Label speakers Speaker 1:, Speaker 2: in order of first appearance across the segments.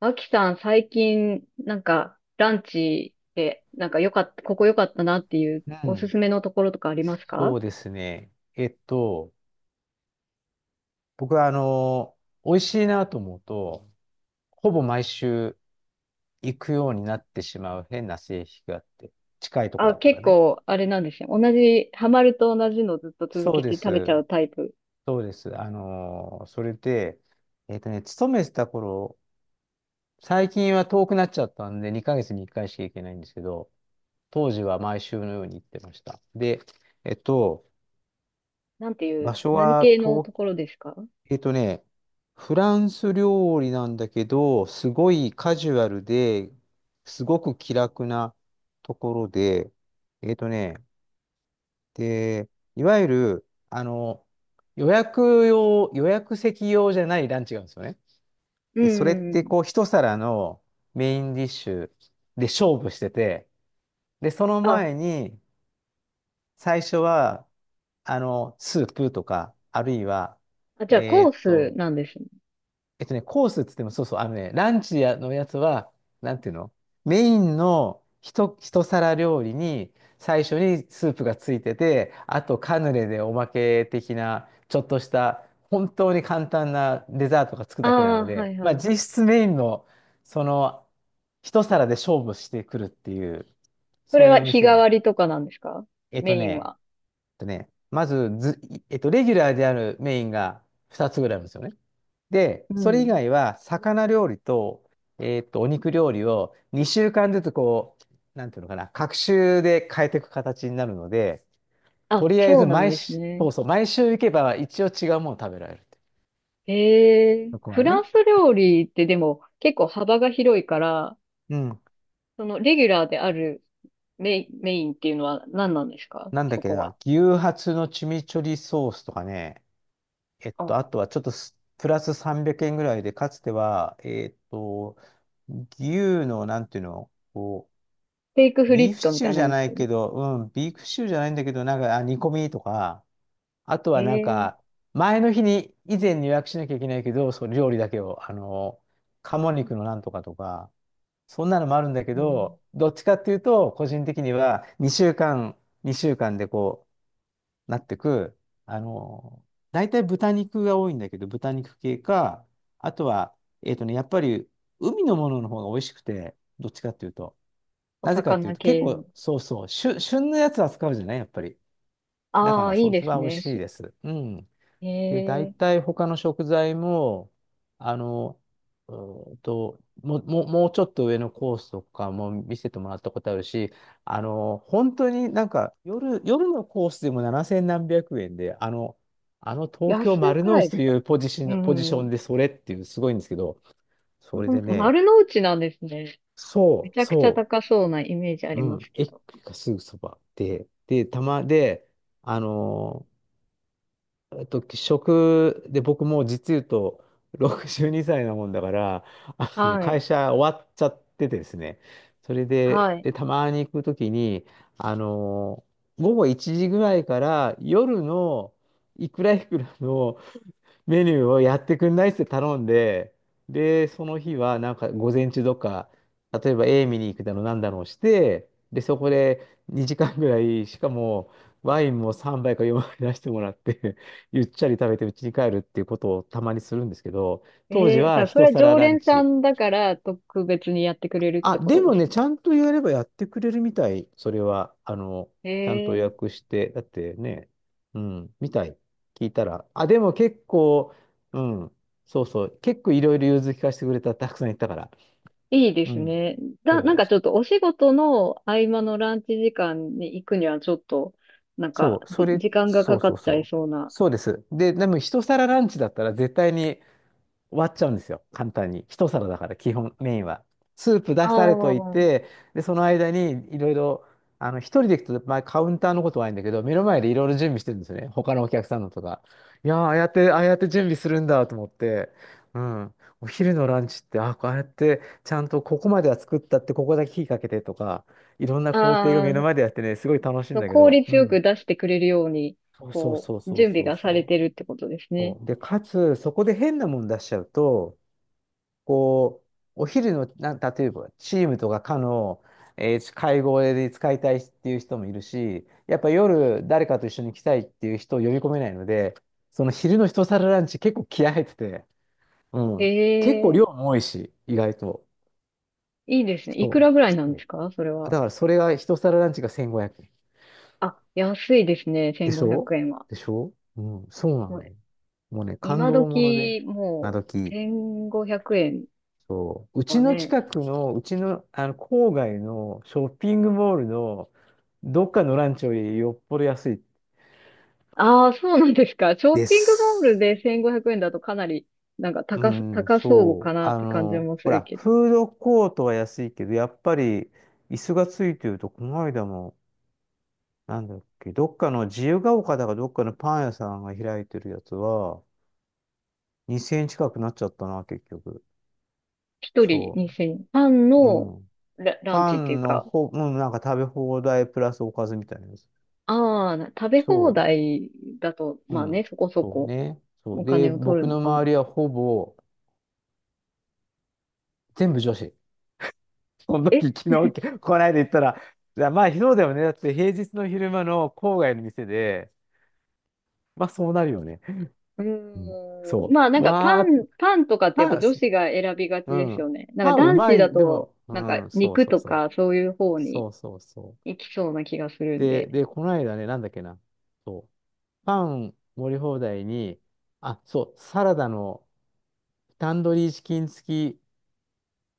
Speaker 1: アキさん、最近、なんか、ランチで、なんか良かった、ここ良かったなっていう
Speaker 2: う
Speaker 1: おす
Speaker 2: ん、
Speaker 1: すめのところとかありますか？
Speaker 2: そうですね。僕は美味しいなと思うと、ほぼ毎週行くようになってしまう変な性癖があって、近いとこ
Speaker 1: あ、
Speaker 2: だったら
Speaker 1: 結
Speaker 2: ね。
Speaker 1: 構、あれなんですね。同じ、ハマると同じのずっと続
Speaker 2: そ
Speaker 1: け
Speaker 2: うで
Speaker 1: て食べちゃ
Speaker 2: す。
Speaker 1: うタイプ。
Speaker 2: そうです。それで、勤めてた頃、最近は遠くなっちゃったんで、2ヶ月に1回しか行けないんですけど、当時は毎週のように行ってました。で、えっと、
Speaker 1: なんてい
Speaker 2: 場
Speaker 1: う、
Speaker 2: 所
Speaker 1: 何
Speaker 2: は
Speaker 1: 系の
Speaker 2: 東
Speaker 1: ところですか？
Speaker 2: えっとね、フランス料理なんだけど、すごいカジュアルで、すごく気楽なところで、えっとね、で、いわゆる、予約席用じゃないランチがあるんですよね。
Speaker 1: う
Speaker 2: で、それって
Speaker 1: ん。
Speaker 2: こう、一皿のメインディッシュで勝負してて、で、その
Speaker 1: あ、
Speaker 2: 前に、最初は、スープとか、あるいは、
Speaker 1: あ、じゃあ
Speaker 2: え
Speaker 1: コー
Speaker 2: っ
Speaker 1: ス
Speaker 2: と、
Speaker 1: なんですね。
Speaker 2: コースっつっても、そうそう、ランチやのやつは、なんていうのメインの一皿料理に、最初にスープがついてて、あとカヌレでおまけ的な、ちょっとした、本当に簡単なデザートがつく
Speaker 1: あ
Speaker 2: だけなの
Speaker 1: あ、は
Speaker 2: で、
Speaker 1: い
Speaker 2: ま
Speaker 1: は
Speaker 2: あ
Speaker 1: い。
Speaker 2: 実質メインの、その、一皿で勝負してくるっていう、
Speaker 1: そ
Speaker 2: そ
Speaker 1: れ
Speaker 2: うい
Speaker 1: は
Speaker 2: うお
Speaker 1: 日
Speaker 2: 店
Speaker 1: 替
Speaker 2: が。
Speaker 1: わりとかなんですか？
Speaker 2: えっと
Speaker 1: メイン
Speaker 2: ね、え
Speaker 1: は。
Speaker 2: っとね、まずず、レギュラーであるメインが2つぐらいあるんですよね。で、
Speaker 1: う
Speaker 2: それ以
Speaker 1: ん。
Speaker 2: 外は、魚料理と、お肉料理を2週間ずつなんていうのかな、隔週で変えていく形になるので、と
Speaker 1: あ、
Speaker 2: りあえ
Speaker 1: そう
Speaker 2: ず
Speaker 1: なん
Speaker 2: 毎
Speaker 1: です
Speaker 2: 週、
Speaker 1: ね。
Speaker 2: そうそう、毎週行けば一応違うもの食べられるって。そこ
Speaker 1: フ
Speaker 2: はね。
Speaker 1: ランス料理ってでも結構幅が広いから、
Speaker 2: うん。
Speaker 1: そのレギュラーであるメインっていうのは何なんですか、
Speaker 2: なんだっ
Speaker 1: そ
Speaker 2: け
Speaker 1: こ
Speaker 2: な、
Speaker 1: は。
Speaker 2: 牛ハツのチミチョリソースとかね、
Speaker 1: あ、
Speaker 2: あとはちょっとプラス300円ぐらいで、かつては、牛の、なんていうの、
Speaker 1: ステークフリ
Speaker 2: ビー
Speaker 1: ッ
Speaker 2: フ
Speaker 1: ト
Speaker 2: シ
Speaker 1: み
Speaker 2: チュ
Speaker 1: た
Speaker 2: ー
Speaker 1: いな
Speaker 2: じゃ
Speaker 1: や
Speaker 2: な
Speaker 1: つ。
Speaker 2: いけど、うん、ビーフシチューじゃないんだけど、なんか、あ、煮込みとか、あと
Speaker 1: え
Speaker 2: はなん
Speaker 1: ー、
Speaker 2: か、前の日に、以前に予約しなきゃいけないけど、そう、料理だけを、鴨肉のなんとかとか、そんなのもあるんだけ
Speaker 1: うん、
Speaker 2: ど、どっちかっていうと、個人的には、2週間でこう、なってく、あの、大体豚肉が多いんだけど、豚肉系か、あとは、やっぱり、海のものの方が美味しくて、どっちかっていうと、
Speaker 1: お
Speaker 2: なぜかっていう
Speaker 1: 魚
Speaker 2: と、結
Speaker 1: 系の。
Speaker 2: 構、そうそう、旬のやつ扱うじゃないやっぱり。だか
Speaker 1: ああ、
Speaker 2: ら、
Speaker 1: いい
Speaker 2: そっ
Speaker 1: で
Speaker 2: ち
Speaker 1: す
Speaker 2: は美味
Speaker 1: ね。
Speaker 2: しいです。うん。
Speaker 1: え
Speaker 2: で、大
Speaker 1: ー、
Speaker 2: 体他の食材も、あの、うもうちょっと上のコースとかも見せてもらったことあるし、本当になんか、夜のコースでも7千何百円で、東京
Speaker 1: 安
Speaker 2: 丸
Speaker 1: く
Speaker 2: の
Speaker 1: ない
Speaker 2: 内
Speaker 1: で
Speaker 2: と
Speaker 1: す
Speaker 2: い
Speaker 1: か？
Speaker 2: うポジシ
Speaker 1: う
Speaker 2: ョン、ポジショ
Speaker 1: ん。
Speaker 2: ンでそれっていうすごいんですけど、
Speaker 1: ほ
Speaker 2: それ
Speaker 1: ん
Speaker 2: で
Speaker 1: と、
Speaker 2: ね、
Speaker 1: 丸の内なんですね。め
Speaker 2: そ
Speaker 1: ち
Speaker 2: う、
Speaker 1: ゃくちゃ
Speaker 2: そう。
Speaker 1: 高そうなイメージあり
Speaker 2: う
Speaker 1: ま
Speaker 2: ん、
Speaker 1: すけ
Speaker 2: 駅
Speaker 1: ど。
Speaker 2: がすぐそばで、で、たまで、あの僕もう実言うと62歳なもんだから、
Speaker 1: は
Speaker 2: 会
Speaker 1: い。
Speaker 2: 社終わっちゃっててですね、それで、
Speaker 1: はい。
Speaker 2: で、たまに行くときに、あのー午後1時ぐらいから夜のいくらいくらのメニューをやってくんないっつって頼んで、で、その日はなんか午前中とか、例えば A 見に行くだろう、なんだろうして、で、そこで2時間ぐらい、しかもワインも3杯か4杯出してもらって ゆっちゃり食べて家に帰るっていうことをたまにするんですけど、当
Speaker 1: え
Speaker 2: 時
Speaker 1: えー
Speaker 2: は
Speaker 1: さ、それ
Speaker 2: 一
Speaker 1: は
Speaker 2: 皿
Speaker 1: 常
Speaker 2: ラン
Speaker 1: 連さ
Speaker 2: チ。
Speaker 1: んだから特別にやってくれるって
Speaker 2: あ、
Speaker 1: こ
Speaker 2: で
Speaker 1: とで
Speaker 2: も
Speaker 1: すか？
Speaker 2: ね、ちゃんとやればやってくれるみたい。それは、ちゃんと予
Speaker 1: ええ、
Speaker 2: 約して、だってね、うん、みたい。聞いたら。あ、でも結構、うん、そうそう、結構いろいろ融通聞かせてくれた、たくさん言ったから。
Speaker 1: いいで
Speaker 2: う
Speaker 1: す
Speaker 2: ん、
Speaker 1: ね。なん
Speaker 2: そ
Speaker 1: か
Speaker 2: う、
Speaker 1: ちょっとお仕事の合間のランチ時間に行くにはちょっと、なんか、
Speaker 2: そう、それ、
Speaker 1: 時間が
Speaker 2: そ
Speaker 1: か
Speaker 2: う
Speaker 1: か
Speaker 2: そう
Speaker 1: っちゃい
Speaker 2: そう。
Speaker 1: そうな。
Speaker 2: そうです。で、でも一皿ランチだったら絶対に終わっちゃうんですよ。簡単に。一皿だから、基本、メインは。スープ出
Speaker 1: あ
Speaker 2: されといて、で、その間にいろいろ、一人で行くと、まあ、カウンターのことはないんだけど、目の前でいろいろ準備してるんですよね。他のお客さんのとか。いやー、ああやって準備するんだと思って、うん。お昼のランチって、あ、こうやって、ちゃんとここまでは作ったって、ここだけ火かけてとか、いろんな
Speaker 1: あ、
Speaker 2: 工程が
Speaker 1: あ
Speaker 2: 目の
Speaker 1: あ、
Speaker 2: 前でやってね、すごい楽しい
Speaker 1: そ
Speaker 2: ん
Speaker 1: の
Speaker 2: だけ
Speaker 1: 効
Speaker 2: ど、う
Speaker 1: 率よく
Speaker 2: ん。
Speaker 1: 出してくれるように、
Speaker 2: そうそう
Speaker 1: こ
Speaker 2: そう
Speaker 1: う、
Speaker 2: そう
Speaker 1: 準備
Speaker 2: そう
Speaker 1: がされ
Speaker 2: そう。
Speaker 1: てるってことですね。
Speaker 2: そうで、かつ、そこで変なもん出しちゃうと、こお昼の、例えば、チームとか課の、会合で使いたいっていう人もいるし、やっぱ夜誰かと一緒に来たいっていう人を呼び込めないので、その昼の一皿ランチ結構気合入ってて、うん。結構
Speaker 1: え
Speaker 2: 量
Speaker 1: え、
Speaker 2: も多いし、意外と。
Speaker 1: いいですね。いく
Speaker 2: そ
Speaker 1: らぐら
Speaker 2: う。
Speaker 1: いなん
Speaker 2: そ
Speaker 1: です
Speaker 2: う。
Speaker 1: か、それは。
Speaker 2: だからそれが一皿ランチが1500円。
Speaker 1: あ、安いですね。
Speaker 2: でし
Speaker 1: 1500
Speaker 2: ょ
Speaker 1: 円は。
Speaker 2: でしょ。うん、そうなの。もうね、感
Speaker 1: 今
Speaker 2: 動もので、
Speaker 1: 時、
Speaker 2: 今
Speaker 1: もう、
Speaker 2: 時。
Speaker 1: 1500円
Speaker 2: そう、うち
Speaker 1: は
Speaker 2: の
Speaker 1: ね。
Speaker 2: 近くの、うちの、郊外のショッピングモールのどっかのランチよりよっぽど安い
Speaker 1: ああ、そうなんですか。ショッ
Speaker 2: で
Speaker 1: ピングモール
Speaker 2: す。
Speaker 1: で1500円だとかなり、なんか
Speaker 2: うん、
Speaker 1: 高そう
Speaker 2: そ
Speaker 1: か
Speaker 2: う。
Speaker 1: なって感じもす
Speaker 2: ほ
Speaker 1: る
Speaker 2: ら、
Speaker 1: けど。
Speaker 2: フードコートは安いけど、やっぱり椅子がついてると、この間も、なんだっけ、どっかの自由が丘だかどっかのパン屋さんが開いてるやつは、2000円近くなっちゃったな、結局。
Speaker 1: 一人
Speaker 2: そ
Speaker 1: 2000円。パン
Speaker 2: う。う
Speaker 1: の
Speaker 2: ん。
Speaker 1: ラン
Speaker 2: パ
Speaker 1: チっていう
Speaker 2: ンの
Speaker 1: か、
Speaker 2: ほ、うん、なんか食べ放題プラスおかずみたいなやつ。
Speaker 1: ああ、食べ
Speaker 2: そ
Speaker 1: 放
Speaker 2: う。
Speaker 1: 題だと、
Speaker 2: う
Speaker 1: まあね、
Speaker 2: ん。
Speaker 1: そこそ
Speaker 2: そう
Speaker 1: こ
Speaker 2: ね。そう。
Speaker 1: お
Speaker 2: で、
Speaker 1: 金を取る
Speaker 2: 僕
Speaker 1: の
Speaker 2: の
Speaker 1: かも。
Speaker 2: 周りはほぼ全部女子。その時、
Speaker 1: え、
Speaker 2: こないだ言ったら、いやまあ、そうだよね。だって平日の昼間の郊外の店で、まあ、そうなるよね。
Speaker 1: う
Speaker 2: うん。
Speaker 1: ーん、
Speaker 2: そ
Speaker 1: まあなん
Speaker 2: う。
Speaker 1: か
Speaker 2: わ
Speaker 1: パ
Speaker 2: あ、
Speaker 1: ン、パンとかってやっぱ
Speaker 2: パン、
Speaker 1: 女子が選びがちで
Speaker 2: う
Speaker 1: す
Speaker 2: ん。
Speaker 1: よね。なんか
Speaker 2: パンう
Speaker 1: 男
Speaker 2: ま
Speaker 1: 子
Speaker 2: い
Speaker 1: だ
Speaker 2: ね。で
Speaker 1: と、
Speaker 2: も、う
Speaker 1: なんか
Speaker 2: ん、そう
Speaker 1: 肉
Speaker 2: そう
Speaker 1: と
Speaker 2: そ
Speaker 1: かそういう方
Speaker 2: う。
Speaker 1: に
Speaker 2: そうそうそ
Speaker 1: いきそうな気がする
Speaker 2: う。
Speaker 1: ん
Speaker 2: で、
Speaker 1: で。
Speaker 2: で、こないだね、なんだっけな。そう。パン盛り放題に、あ、そう、サラダのタンドリーチキン付き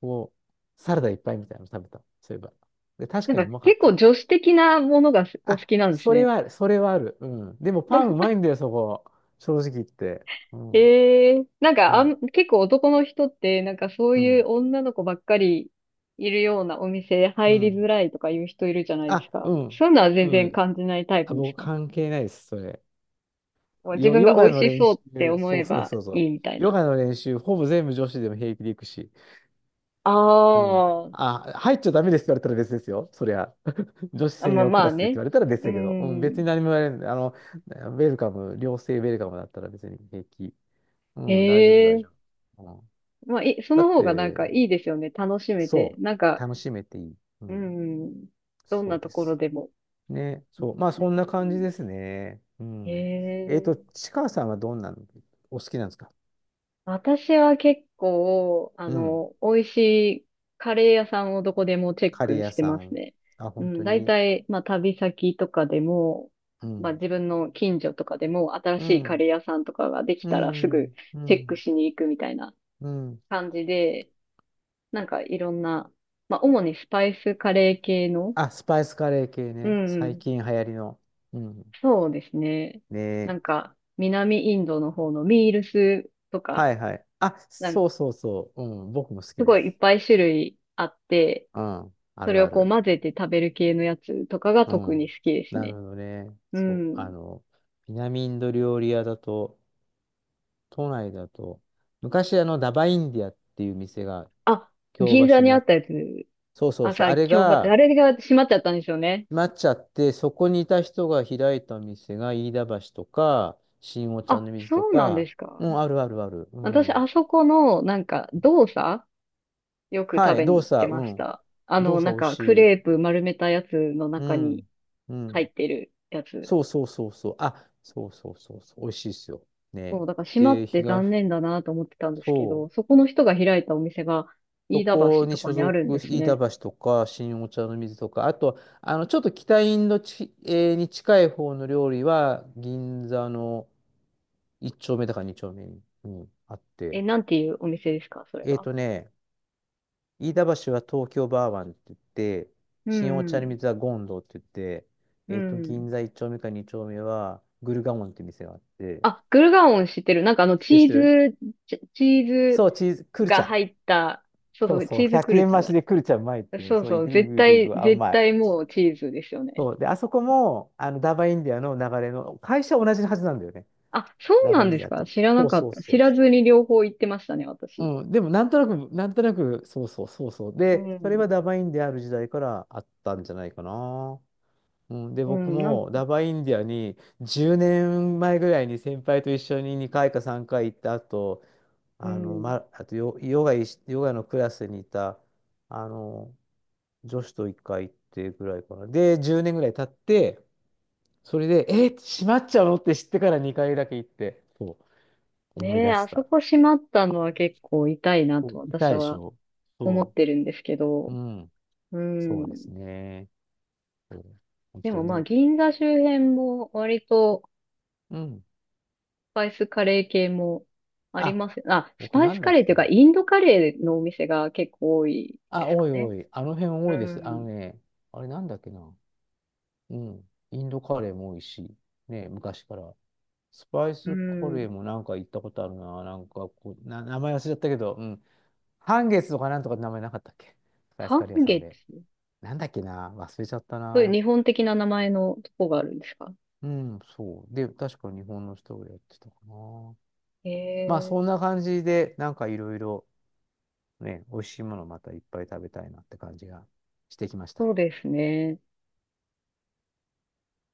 Speaker 2: こサラダいっぱいみたいなの食べた。そういえば。で、確
Speaker 1: なん
Speaker 2: か
Speaker 1: か
Speaker 2: にうまかっ
Speaker 1: 結構
Speaker 2: た。
Speaker 1: 女子的なものがお好
Speaker 2: あ、
Speaker 1: きなんです
Speaker 2: それ
Speaker 1: ね。
Speaker 2: はある、それはある。うん。でもパンうまいんだよ、そこ。正直言って。うん、
Speaker 1: ええ、なん
Speaker 2: う
Speaker 1: か
Speaker 2: ん、
Speaker 1: 結構男の人って、なんかそう
Speaker 2: う
Speaker 1: いう
Speaker 2: ん、
Speaker 1: 女の子ばっかりいるようなお店
Speaker 2: う
Speaker 1: 入りづ
Speaker 2: ん。
Speaker 1: らいとかいう人いるじゃないです
Speaker 2: あ、
Speaker 1: か。
Speaker 2: うん、
Speaker 1: そういうのは全
Speaker 2: う
Speaker 1: 然
Speaker 2: ん。
Speaker 1: 感じないタイプ
Speaker 2: あ、
Speaker 1: です
Speaker 2: 僕
Speaker 1: か？
Speaker 2: 関係ないです、それ。
Speaker 1: もう自分
Speaker 2: ヨ
Speaker 1: が美
Speaker 2: ガ
Speaker 1: 味
Speaker 2: の
Speaker 1: し
Speaker 2: 練
Speaker 1: そう
Speaker 2: 習、
Speaker 1: って思
Speaker 2: そ
Speaker 1: え
Speaker 2: うそう
Speaker 1: ば
Speaker 2: そうそ
Speaker 1: い
Speaker 2: う。
Speaker 1: いみたい
Speaker 2: ヨ
Speaker 1: な。
Speaker 2: ガの練習、ほぼ全部女子でも平気で行くし。
Speaker 1: あ
Speaker 2: うん。
Speaker 1: ー
Speaker 2: あ、入っちゃダメですって言われたら別ですよ。そりゃ。女子
Speaker 1: あ、
Speaker 2: 専
Speaker 1: まあ
Speaker 2: 用
Speaker 1: ま
Speaker 2: クラ
Speaker 1: あ
Speaker 2: スでって言
Speaker 1: ね。
Speaker 2: われたら別
Speaker 1: う
Speaker 2: だけど。うん、別
Speaker 1: ん。
Speaker 2: に何も言われない。ウェルカム、良性ウェルカムだったら別に平気。う
Speaker 1: へ
Speaker 2: ん、大丈夫、大
Speaker 1: え。
Speaker 2: 丈夫。うん、
Speaker 1: まあ、そ
Speaker 2: だ
Speaker 1: の
Speaker 2: っ
Speaker 1: 方がなんか
Speaker 2: て、
Speaker 1: いいですよね。楽しめて。
Speaker 2: そ
Speaker 1: なん
Speaker 2: う。
Speaker 1: か、
Speaker 2: 楽しめていい。う
Speaker 1: う
Speaker 2: ん、
Speaker 1: ん。どん
Speaker 2: そ
Speaker 1: な
Speaker 2: う
Speaker 1: と
Speaker 2: で
Speaker 1: ころ
Speaker 2: す。
Speaker 1: でも。
Speaker 2: ね、
Speaker 1: う
Speaker 2: そう。ま
Speaker 1: ん。
Speaker 2: あ、そんな感じですね。う
Speaker 1: へ
Speaker 2: ん。
Speaker 1: え。
Speaker 2: ちかさんはどんなのお好きなんですか？
Speaker 1: 私は結構、
Speaker 2: うん。
Speaker 1: 美味しいカレー屋さんをどこでもチェッ
Speaker 2: カレー
Speaker 1: ク
Speaker 2: 屋
Speaker 1: して
Speaker 2: さ
Speaker 1: ます
Speaker 2: ん。
Speaker 1: ね。
Speaker 2: あ、
Speaker 1: う
Speaker 2: 本
Speaker 1: ん、
Speaker 2: 当
Speaker 1: 大
Speaker 2: に？
Speaker 1: 体、まあ、旅先とかでも、
Speaker 2: う
Speaker 1: まあ、
Speaker 2: ん。
Speaker 1: 自分の近所とかでも、新
Speaker 2: う
Speaker 1: しいカレ
Speaker 2: ん。
Speaker 1: ー屋さんとかができ
Speaker 2: う
Speaker 1: たらすぐ
Speaker 2: ん。う
Speaker 1: チェック
Speaker 2: ん。
Speaker 1: しに行くみたいな
Speaker 2: うん。
Speaker 1: 感じで、なんかいろんな、まあ、主にスパイスカレー系の、
Speaker 2: あ、スパイスカレー系
Speaker 1: う
Speaker 2: ね。
Speaker 1: んう
Speaker 2: 最
Speaker 1: ん、
Speaker 2: 近流行りの。うん。
Speaker 1: そうですね。
Speaker 2: ね
Speaker 1: な
Speaker 2: え。
Speaker 1: んか、南インドの方のミールスと
Speaker 2: は
Speaker 1: か、
Speaker 2: いはい。あ、
Speaker 1: なん
Speaker 2: そうそうそう。うん。僕も好き
Speaker 1: す
Speaker 2: で
Speaker 1: ごいい
Speaker 2: す。
Speaker 1: っぱい種類あって、
Speaker 2: うん。あ
Speaker 1: そ
Speaker 2: る
Speaker 1: れを
Speaker 2: あ
Speaker 1: こう
Speaker 2: る。
Speaker 1: 混ぜて食べる系のやつとかが
Speaker 2: う
Speaker 1: 特に
Speaker 2: ん。
Speaker 1: 好きです
Speaker 2: なる
Speaker 1: ね。
Speaker 2: ほどね。
Speaker 1: う
Speaker 2: そう。
Speaker 1: ん。
Speaker 2: あの、南インド料理屋だと、都内だと、昔あの、ダバインディアっていう店が、
Speaker 1: あ、
Speaker 2: 京
Speaker 1: 銀座
Speaker 2: 橋
Speaker 1: に
Speaker 2: に
Speaker 1: あったやつ。
Speaker 2: そうそう
Speaker 1: あ、
Speaker 2: そう。
Speaker 1: さ、
Speaker 2: あれ
Speaker 1: 今日ば、あ
Speaker 2: が、
Speaker 1: れが閉まっちゃったんですよね。
Speaker 2: なっちゃって、そこにいた人が開いた店が、飯田橋とか、新御茶
Speaker 1: あ、
Speaker 2: の水と
Speaker 1: そうなんで
Speaker 2: か、
Speaker 1: すか。
Speaker 2: うん、あるあるある。う
Speaker 1: 私、
Speaker 2: ん。
Speaker 1: あそこの、なんか、動作よく
Speaker 2: は
Speaker 1: 食
Speaker 2: い、
Speaker 1: べに行
Speaker 2: 動
Speaker 1: って
Speaker 2: 作、う
Speaker 1: まし
Speaker 2: ん。
Speaker 1: た。あ
Speaker 2: 動
Speaker 1: の、
Speaker 2: 作
Speaker 1: なん
Speaker 2: 美味
Speaker 1: か、ク
Speaker 2: しい。
Speaker 1: レープ丸めたやつの
Speaker 2: う
Speaker 1: 中に
Speaker 2: ん。う
Speaker 1: 入
Speaker 2: ん。
Speaker 1: ってるやつ。
Speaker 2: そうそうそうそう。あ、そうそうそうそう。美味しいですよ。
Speaker 1: そ
Speaker 2: ね。
Speaker 1: う、だから閉まっ
Speaker 2: で、
Speaker 1: て残念だなと思ってたんですけ
Speaker 2: そ
Speaker 1: ど、
Speaker 2: う。
Speaker 1: そこの人が開いたお店が、
Speaker 2: そ
Speaker 1: 飯田
Speaker 2: こ
Speaker 1: 橋
Speaker 2: に
Speaker 1: とか
Speaker 2: 所
Speaker 1: にあ
Speaker 2: 属、
Speaker 1: るんです
Speaker 2: 飯田
Speaker 1: ね。
Speaker 2: 橋とか、新お茶の水とか、あと、あの、ちょっと北インドち、えーに近い方の料理は、銀座の1丁目だか2丁目に、うんあっ
Speaker 1: え、
Speaker 2: て。
Speaker 1: なんていうお店ですか、それ
Speaker 2: えっ
Speaker 1: は。
Speaker 2: とね、飯田橋は東京バーワンって言って、
Speaker 1: う
Speaker 2: 新お
Speaker 1: ん、う
Speaker 2: 茶の
Speaker 1: ん。
Speaker 2: 水はゴンドって言って、
Speaker 1: う
Speaker 2: えっと、銀
Speaker 1: ん。
Speaker 2: 座1丁目か2丁目はグルガモンっていう店があって、
Speaker 1: あ、グルガオン知ってる。なんかあの、
Speaker 2: 知ってる知
Speaker 1: チ
Speaker 2: っ
Speaker 1: ー
Speaker 2: てる、
Speaker 1: ズ、チー
Speaker 2: そ
Speaker 1: ズ
Speaker 2: う、チーズ、クルチ
Speaker 1: が
Speaker 2: ャ。
Speaker 1: 入った、そうそ
Speaker 2: そう
Speaker 1: う、
Speaker 2: そう、
Speaker 1: チーズク
Speaker 2: 100
Speaker 1: ル
Speaker 2: 円
Speaker 1: チャ
Speaker 2: 増し
Speaker 1: だ。
Speaker 2: でクルチャうまいっていう、
Speaker 1: そう
Speaker 2: そう、い
Speaker 1: そ
Speaker 2: く
Speaker 1: う、
Speaker 2: い
Speaker 1: 絶
Speaker 2: くいくい
Speaker 1: 対、
Speaker 2: く、あ、う
Speaker 1: 絶
Speaker 2: まい。
Speaker 1: 対もうチーズですよね。
Speaker 2: そう、で、あそこも、あの、ダバインディアの流れの、会社は同じはずなんだよね、
Speaker 1: あ、そう
Speaker 2: ダ
Speaker 1: な
Speaker 2: バイ
Speaker 1: ん
Speaker 2: ン
Speaker 1: で
Speaker 2: デ
Speaker 1: す
Speaker 2: ィア
Speaker 1: か、
Speaker 2: と。
Speaker 1: 知らな
Speaker 2: そう
Speaker 1: かっ
Speaker 2: そう
Speaker 1: た。
Speaker 2: そ
Speaker 1: 知
Speaker 2: う
Speaker 1: らず
Speaker 2: そ
Speaker 1: に両方行ってましたね、
Speaker 2: う。
Speaker 1: 私。
Speaker 2: うん、でも、なんとなく、そうそうそうそう。
Speaker 1: う
Speaker 2: で、それは
Speaker 1: ん。
Speaker 2: ダバインディアある時代からあったんじゃないかな。うん、で、
Speaker 1: う
Speaker 2: 僕
Speaker 1: ん、
Speaker 2: もダバインディアに10年前ぐらいに先輩と一緒に2回か3回行った後、
Speaker 1: う
Speaker 2: あの、
Speaker 1: ん。
Speaker 2: ま、あとヨガいし、ヨガのクラスにいた、あの、女子と1回行ってぐらいかな。で、10年ぐらい経って、それで、閉まっちゃうのって知ってから2回だけ行って、そう、思い
Speaker 1: ねえ、
Speaker 2: 出し
Speaker 1: あそ
Speaker 2: た。
Speaker 1: こ閉まったのは結構痛いな
Speaker 2: そ
Speaker 1: と
Speaker 2: う痛
Speaker 1: 私
Speaker 2: いでし
Speaker 1: は
Speaker 2: ょ、
Speaker 1: 思っ
Speaker 2: そ
Speaker 1: てるんですけ
Speaker 2: う。う
Speaker 1: ど。
Speaker 2: ん。
Speaker 1: う
Speaker 2: そ
Speaker 1: ん。
Speaker 2: うですね。そう本
Speaker 1: で
Speaker 2: 当
Speaker 1: もまあ、
Speaker 2: に。
Speaker 1: 銀座周辺も割と
Speaker 2: うん。
Speaker 1: スパイスカレー系もあり
Speaker 2: あ、
Speaker 1: ます。あ、ス
Speaker 2: 僕
Speaker 1: パイ
Speaker 2: な
Speaker 1: ス
Speaker 2: んだ
Speaker 1: カ
Speaker 2: っ
Speaker 1: レー
Speaker 2: け
Speaker 1: というか、
Speaker 2: な。
Speaker 1: インドカレーのお店が結構多いで
Speaker 2: あ、
Speaker 1: す
Speaker 2: 多
Speaker 1: か
Speaker 2: い
Speaker 1: ね。
Speaker 2: 多い。あの辺
Speaker 1: う
Speaker 2: 多いです。あの
Speaker 1: ん。
Speaker 2: ね、あれなんだっけな。うん。インドカレーも多いし、ね、昔から。スパイ
Speaker 1: う
Speaker 2: スカレー
Speaker 1: ん。
Speaker 2: もなんか行ったことあるな。なんかこう、名前忘れちゃったけど、うん。半月とかなんとかって名前なかったっけ、スパイスカ
Speaker 1: 半
Speaker 2: レー屋さん
Speaker 1: 月、
Speaker 2: で。なんだっけな。忘れちゃった
Speaker 1: そういう
Speaker 2: な。
Speaker 1: 日本的な名前のとこがあるんですか？
Speaker 2: うん、そう。で、確か日本の人がやってたかな。
Speaker 1: へ
Speaker 2: まあ、そ
Speaker 1: え。
Speaker 2: んな感じで、なんかいろいろね、美味しいものまたいっぱい食べたいなって感じがしてきまし
Speaker 1: そ
Speaker 2: た。
Speaker 1: うですね。